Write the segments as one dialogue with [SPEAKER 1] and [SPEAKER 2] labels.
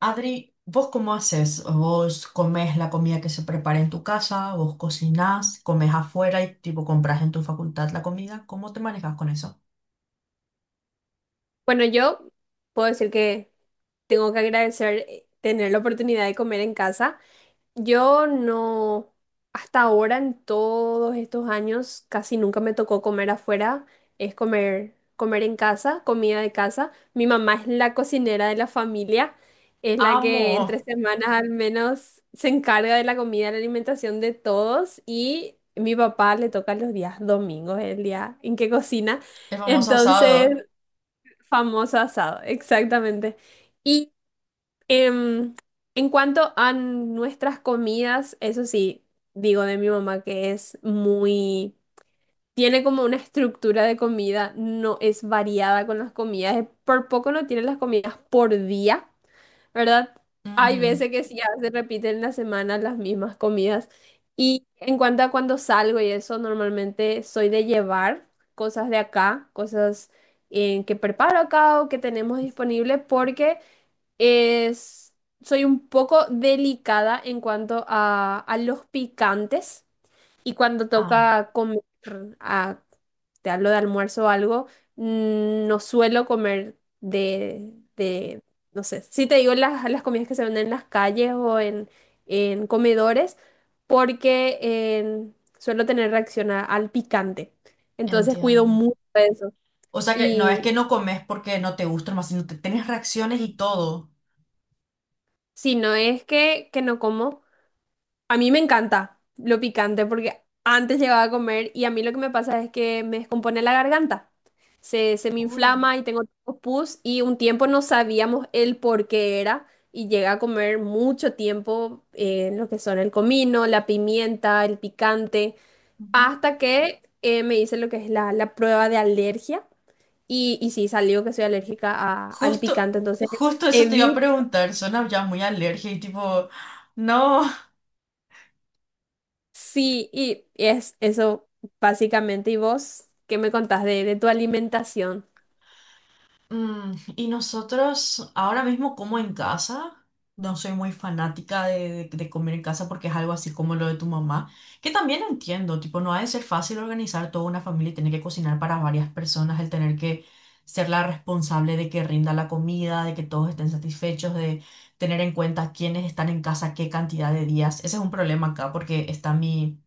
[SPEAKER 1] Adri, ¿vos cómo haces? ¿Vos comés la comida que se prepara en tu casa? ¿Vos cocinás? ¿Comés afuera y tipo compras en tu facultad la comida? ¿Cómo te manejas con eso?
[SPEAKER 2] Bueno, yo puedo decir que tengo que agradecer tener la oportunidad de comer en casa. Yo no, hasta ahora en todos estos años, casi nunca me tocó comer afuera, es comer en casa, comida de casa. Mi mamá es la cocinera de la familia, es la que
[SPEAKER 1] Amo
[SPEAKER 2] entre semanas al menos se encarga de la comida, la alimentación de todos y mi papá le toca los días domingos, el día en que cocina.
[SPEAKER 1] el famoso
[SPEAKER 2] Entonces...
[SPEAKER 1] asado.
[SPEAKER 2] Famoso asado, exactamente. Y em, en cuanto a nuestras comidas, eso sí, digo de mi mamá que es tiene como una estructura de comida, no es variada con las comidas, por poco no tiene las comidas por día, ¿verdad? Hay
[SPEAKER 1] Ujú.
[SPEAKER 2] veces que sí, ya se repiten en la semana las mismas comidas. Y en cuanto a cuando salgo y eso, normalmente soy de llevar cosas de acá, cosas que preparo acá o que tenemos disponible, porque es, soy un poco delicada en cuanto a los picantes. Y cuando
[SPEAKER 1] Ah,
[SPEAKER 2] toca comer a, te hablo de almuerzo o algo, no suelo comer no sé, si te digo las comidas que se venden en las calles en comedores, porque suelo tener reacción al picante. Entonces cuido
[SPEAKER 1] entiendo.
[SPEAKER 2] mucho eso.
[SPEAKER 1] O sea que no es que
[SPEAKER 2] Y
[SPEAKER 1] no comes porque no te gusta más, sino que tenés reacciones
[SPEAKER 2] mm,
[SPEAKER 1] y todo.
[SPEAKER 2] si no es que no como. A mí me encanta lo picante porque antes llegaba a comer y a mí lo que me pasa es que me descompone la garganta. Se me
[SPEAKER 1] Uy.
[SPEAKER 2] inflama y tengo tipo pus y un tiempo no sabíamos el por qué era y llegué a comer mucho tiempo lo que son el comino, la pimienta, el picante,
[SPEAKER 1] Ujú.
[SPEAKER 2] hasta que me hice lo que es la prueba de alergia y sí salió que soy alérgica al
[SPEAKER 1] Justo,
[SPEAKER 2] picante, entonces
[SPEAKER 1] justo eso te iba a
[SPEAKER 2] evito.
[SPEAKER 1] preguntar. Suena ya muy alergia y tipo, no.
[SPEAKER 2] Sí, y es eso básicamente. ¿Y vos qué me contás de tu alimentación?
[SPEAKER 1] Y nosotros ahora mismo como en casa, no soy muy fanática de, de comer en casa porque es algo así como lo de tu mamá, que también entiendo, tipo, no ha de ser fácil organizar toda una familia y tener que cocinar para varias personas, el tener que ser la responsable de que rinda la comida, de que todos estén satisfechos, de tener en cuenta quiénes están en casa, qué cantidad de días. Ese es un problema acá porque está mi,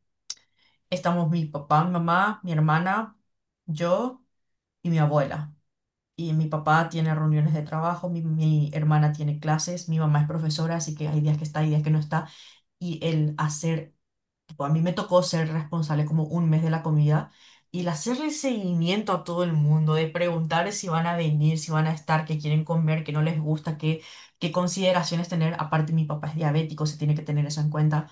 [SPEAKER 1] estamos mi papá, mi mamá, mi hermana, yo y mi abuela. Y mi papá tiene reuniones de trabajo, mi hermana tiene clases, mi mamá es profesora, así que hay días que está, hay días que no está. Y el hacer, tipo, a mí me tocó ser responsable como un mes de la comida y el hacerle seguimiento a todo el mundo, de preguntar si van a venir, si van a estar, qué quieren comer, qué no les gusta, qué, qué consideraciones tener. Aparte, mi papá es diabético, se tiene que tener eso en cuenta.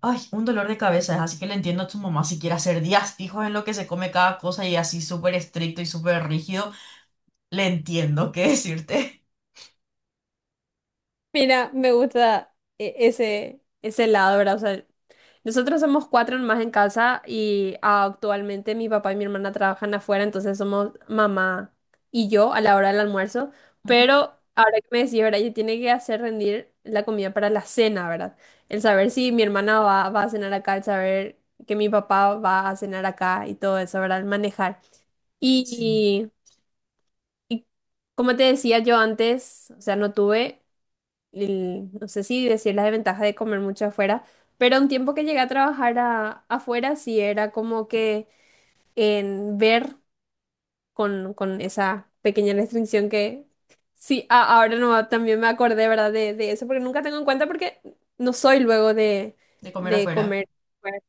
[SPEAKER 1] Ay, un dolor de cabeza, así que le entiendo a tu mamá si quiere hacer días fijos en lo que se come cada cosa y así súper estricto y súper rígido. Le entiendo qué decirte.
[SPEAKER 2] Mira, me gusta ese lado, ¿verdad? O sea, nosotros somos cuatro más en casa y actualmente mi papá y mi hermana trabajan afuera, entonces somos mamá y yo a la hora del almuerzo.
[SPEAKER 1] Ujú.
[SPEAKER 2] Pero ahora que me decís, ¿verdad? Yo tiene que hacer rendir la comida para la cena, ¿verdad? El saber si mi hermana va a cenar acá, el saber que mi papá va a cenar acá y todo eso, ¿verdad? El manejar.
[SPEAKER 1] Sí,
[SPEAKER 2] Y, y como te decía yo antes, o sea, no tuve, no sé si decir la desventaja de comer mucho afuera, pero un tiempo que llegué a trabajar afuera sí era como que en ver con esa pequeña restricción que sí, ahora no, también me acordé, ¿verdad? De eso, porque nunca tengo en cuenta porque no soy luego de,
[SPEAKER 1] de comer
[SPEAKER 2] de
[SPEAKER 1] afuera.
[SPEAKER 2] comer,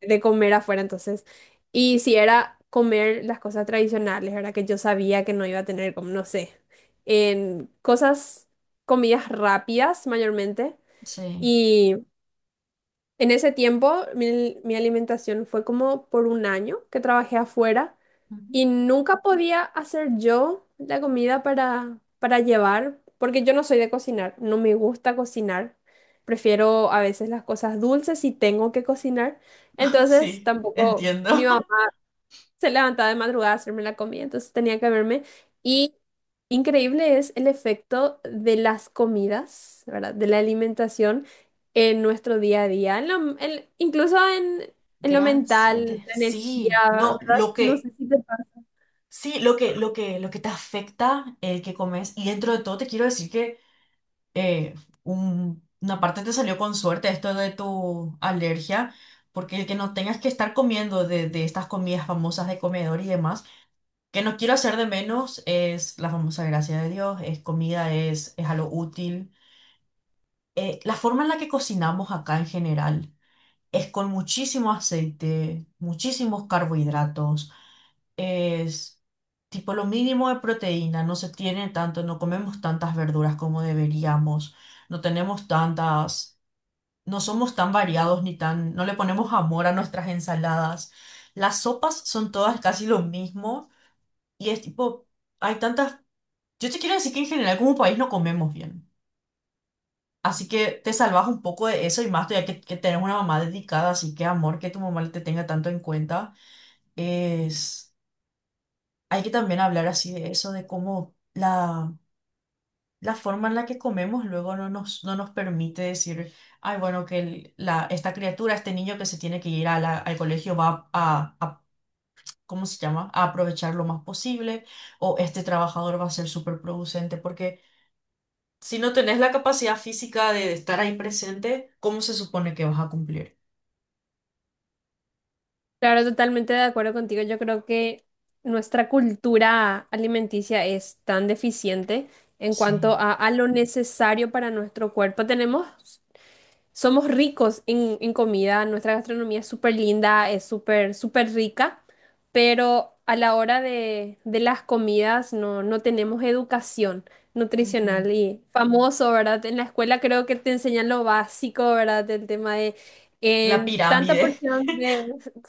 [SPEAKER 2] de comer afuera, entonces. Y si era comer las cosas tradicionales, ¿verdad? Que yo sabía que no iba a tener, como, no sé, en cosas, comidas rápidas mayormente.
[SPEAKER 1] Sí,
[SPEAKER 2] Y en ese tiempo mi alimentación fue como por un año que trabajé afuera.
[SPEAKER 1] Ujú.
[SPEAKER 2] Y nunca podía hacer yo la comida para llevar, porque yo no soy de cocinar, no me gusta cocinar. Prefiero a veces las cosas dulces si tengo que cocinar. Entonces
[SPEAKER 1] Sí,
[SPEAKER 2] tampoco mi
[SPEAKER 1] entiendo.
[SPEAKER 2] mamá se levantaba de madrugada a hacerme la comida, entonces tenía que verme. Y increíble es el efecto de las comidas, ¿verdad? De la alimentación en nuestro día a día, en incluso en lo
[SPEAKER 1] Gran
[SPEAKER 2] mental,
[SPEAKER 1] 7.
[SPEAKER 2] la energía,
[SPEAKER 1] Sí, no,
[SPEAKER 2] ¿verdad?
[SPEAKER 1] lo
[SPEAKER 2] No
[SPEAKER 1] que,
[SPEAKER 2] sé si te...
[SPEAKER 1] sí, lo que, lo que, lo que te afecta el que comes. Y dentro de todo te quiero decir que eh, una parte te salió con suerte esto de tu alergia, porque el que no tengas que estar comiendo de estas comidas famosas de comedor y demás, que no quiero hacer de menos, es la famosa gracia de Dios, es comida, es algo útil. La forma en la que cocinamos acá en general es con muchísimo aceite, muchísimos carbohidratos, es tipo lo mínimo de proteína, no se tiene tanto, no comemos tantas verduras como deberíamos, no tenemos tantas, no somos tan variados ni tan, no le ponemos amor a nuestras ensaladas. Las sopas son todas casi lo mismo y es tipo, hay tantas, yo te quiero decir que en general como país no comemos bien. Así que te salvas un poco de eso y más todavía que tenés una mamá dedicada, así que amor que tu mamá te tenga tanto en cuenta. Es, hay que también hablar así de eso, de cómo la, la forma en la que comemos luego no nos permite decir, ay, bueno, que el- la, esta criatura, este niño que se tiene que ir a la- al colegio va a, ¿cómo se llama?, a aprovechar lo más posible, o este trabajador va a ser súper producente, porque si no tenés la capacidad física de estar ahí presente, ¿cómo se supone que vas a cumplir?
[SPEAKER 2] Claro, totalmente de acuerdo contigo. Yo creo que nuestra cultura alimenticia es tan deficiente en cuanto
[SPEAKER 1] Sí.
[SPEAKER 2] a lo necesario para nuestro cuerpo. Tenemos Somos ricos en comida, nuestra gastronomía es súper linda, es súper rica, pero a la hora de las comidas no, no tenemos educación
[SPEAKER 1] Ujú.
[SPEAKER 2] nutricional y famoso, ¿verdad? En la escuela creo que te enseñan lo básico, ¿verdad? El tema de
[SPEAKER 1] La
[SPEAKER 2] en tanta
[SPEAKER 1] pirámide.
[SPEAKER 2] porción de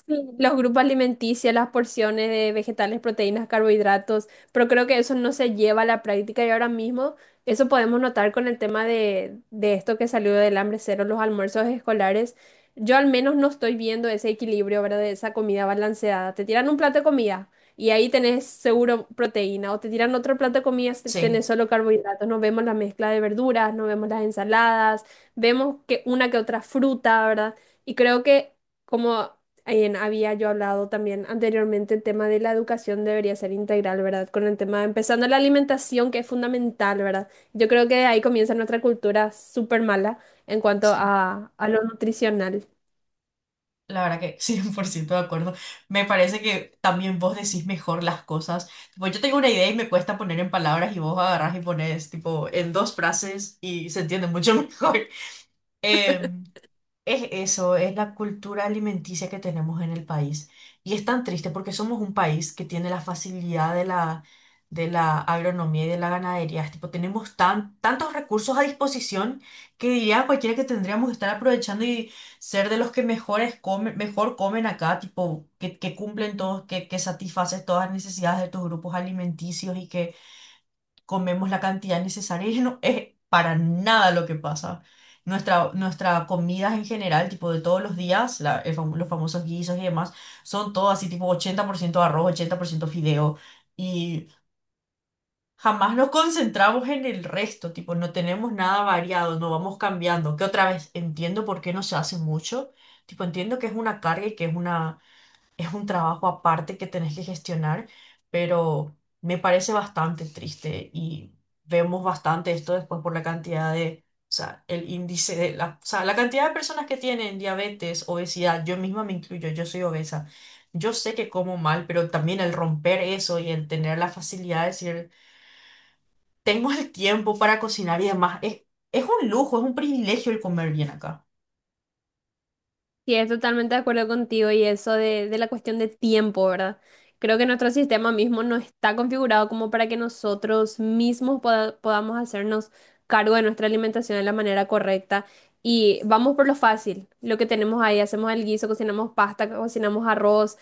[SPEAKER 2] sí, los grupos alimenticios, las porciones de vegetales, proteínas, carbohidratos, pero creo que eso no se lleva a la práctica y ahora mismo... Eso podemos notar con el tema de esto que salió del hambre cero, los almuerzos escolares. Yo al menos no estoy viendo ese equilibrio, ¿verdad? De esa comida balanceada. Te tiran un plato de comida y ahí tenés seguro proteína, o te tiran otro plato de comida y
[SPEAKER 1] Sí,
[SPEAKER 2] tenés solo carbohidratos. No vemos la mezcla de verduras, no vemos las ensaladas, vemos que una que otra fruta, ¿verdad? Y creo que como había yo hablado también anteriormente, el tema de la educación debería ser integral, ¿verdad? Con el tema, empezando la alimentación, que es fundamental, ¿verdad? Yo creo que ahí comienza nuestra cultura súper mala en cuanto
[SPEAKER 1] sí.
[SPEAKER 2] a lo nutricional.
[SPEAKER 1] La verdad que 100% de acuerdo. Me parece que también vos decís mejor las cosas. Tipo, yo tengo una idea y me cuesta poner en palabras y vos agarrás y pones tipo en dos frases y se entiende mucho mejor. Em, Es eso, es la cultura alimenticia que tenemos en el país. Y es tan triste porque somos un país que tiene la facilidad de la agronomía y de la ganadería. Es tipo, tenemos tan, tantos recursos a disposición que diría cualquiera que tendríamos que estar aprovechando y ser de los que mejores comen, mejor comen acá, tipo, que cumplen todos, que satisfaces todas las necesidades de tus grupos alimenticios y comemos la cantidad necesaria y no es para nada lo que pasa. Nuestra comidas en general, tipo de todos los días, los famosos guisos y demás, son todo así tipo 80% arroz, 80% fideo y jamás nos concentramos en el resto, tipo no tenemos nada variado, no vamos cambiando, que otra vez entiendo por qué no se hace mucho, tipo entiendo que es una carga y que es un trabajo aparte que tenés que gestionar, pero me parece bastante triste y vemos bastante esto después por la cantidad de, o sea, el índice de la, o sea, la cantidad de personas que tienen diabetes, obesidad, yo misma me incluyo, yo soy obesa. Yo sé que como mal, pero también el romper eso y el tener la facilidad de decir, tengo el tiempo para cocinar y demás, es un lujo, es un privilegio el comer bien acá.
[SPEAKER 2] Sí, es totalmente de acuerdo contigo y eso de la cuestión de tiempo, ¿verdad? Creo que nuestro sistema mismo no está configurado como para que nosotros mismos podamos hacernos cargo de nuestra alimentación de la manera correcta. Y vamos por lo fácil, lo que tenemos ahí, hacemos el guiso, cocinamos pasta, cocinamos arroz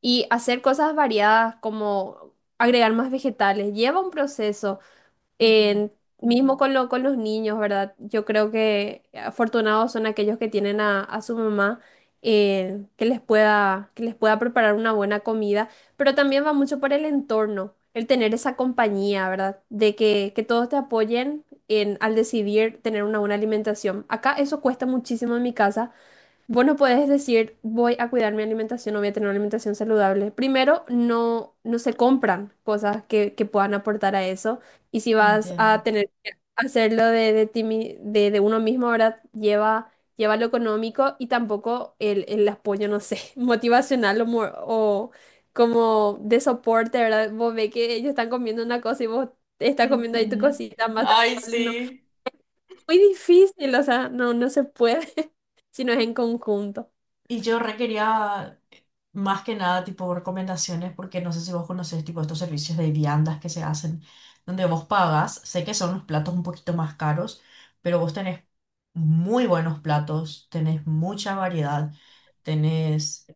[SPEAKER 2] y hacer cosas variadas como agregar más vegetales. Lleva un proceso.
[SPEAKER 1] Ujú.
[SPEAKER 2] En- Mismo con lo, con los niños, ¿verdad? Yo creo que afortunados son aquellos que tienen a su mamá que les que les pueda preparar una buena comida, pero también va mucho por el entorno, el tener esa compañía, ¿verdad? De que todos te apoyen en, al decidir tener una buena alimentación. Acá eso cuesta muchísimo en mi casa. Vos no podés decir, voy a cuidar mi alimentación o voy a tener una alimentación saludable. Primero, no, no se compran cosas que puedan aportar a eso. Y si vas
[SPEAKER 1] Entiendo.
[SPEAKER 2] a tener que hacerlo de, de uno mismo, ahora lleva, lleva lo económico y tampoco el apoyo, no sé, motivacional o como de soporte, ¿verdad? Vos ves que ellos están comiendo una cosa y vos estás comiendo ahí tu
[SPEAKER 1] Ujú.
[SPEAKER 2] cosita más
[SPEAKER 1] Ay,
[SPEAKER 2] saludable. No,
[SPEAKER 1] sí.
[SPEAKER 2] muy difícil, o sea, no, no se puede si no es en conjunto.
[SPEAKER 1] Y yo requería más que nada tipo recomendaciones porque no sé si vos conocés tipo estos servicios de viandas que se hacen donde vos pagas. Sé que son los platos un poquito más caros, pero vos tenés muy buenos platos, tenés mucha variedad, tenés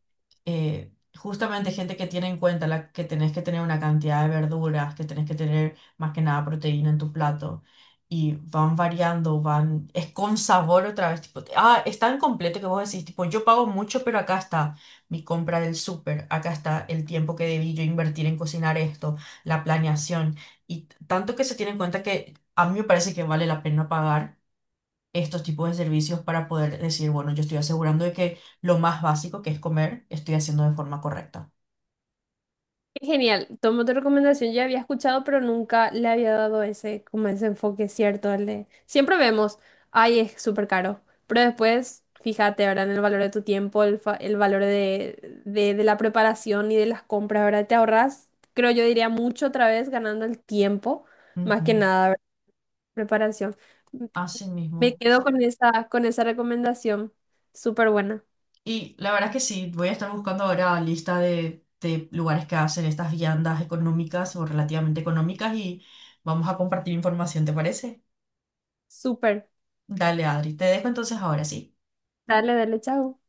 [SPEAKER 1] eh, justamente gente que tiene en cuenta la, que tenés que tener una cantidad de verduras, que tenés que tener más que nada proteína en tu plato y van variando, van, es con sabor otra vez, tipo, ah, es tan completo que vos decís, tipo, yo pago mucho, pero acá está mi compra del súper, acá está el tiempo que debí yo invertir en cocinar esto, la planeación, y tanto que se tiene en cuenta que a mí me parece que vale la pena pagar estos tipos de servicios para poder decir, bueno, yo estoy asegurando de que lo más básico que es comer, estoy haciendo de forma correcta.
[SPEAKER 2] Qué genial, tomo tu recomendación, ya había escuchado, pero nunca le había dado ese, como ese enfoque cierto, el de, siempre vemos, ay, es súper caro, pero después, fíjate, ¿verdad? En el valor de tu tiempo, el, el valor de, de la preparación y de las compras, ¿verdad? Te ahorras, creo yo diría mucho otra vez ganando el tiempo, más
[SPEAKER 1] Ujú.
[SPEAKER 2] que nada, ¿verdad? Preparación.
[SPEAKER 1] Así
[SPEAKER 2] Me
[SPEAKER 1] mismo.
[SPEAKER 2] quedo con esa recomendación, súper buena,
[SPEAKER 1] Y la verdad es que sí, voy a estar buscando ahora lista de lugares que hacen estas viandas económicas o relativamente económicas y vamos a compartir información, ¿te parece?
[SPEAKER 2] súper.
[SPEAKER 1] Dale, Adri, te dejo entonces ahora sí.
[SPEAKER 2] Dale, dale, chao.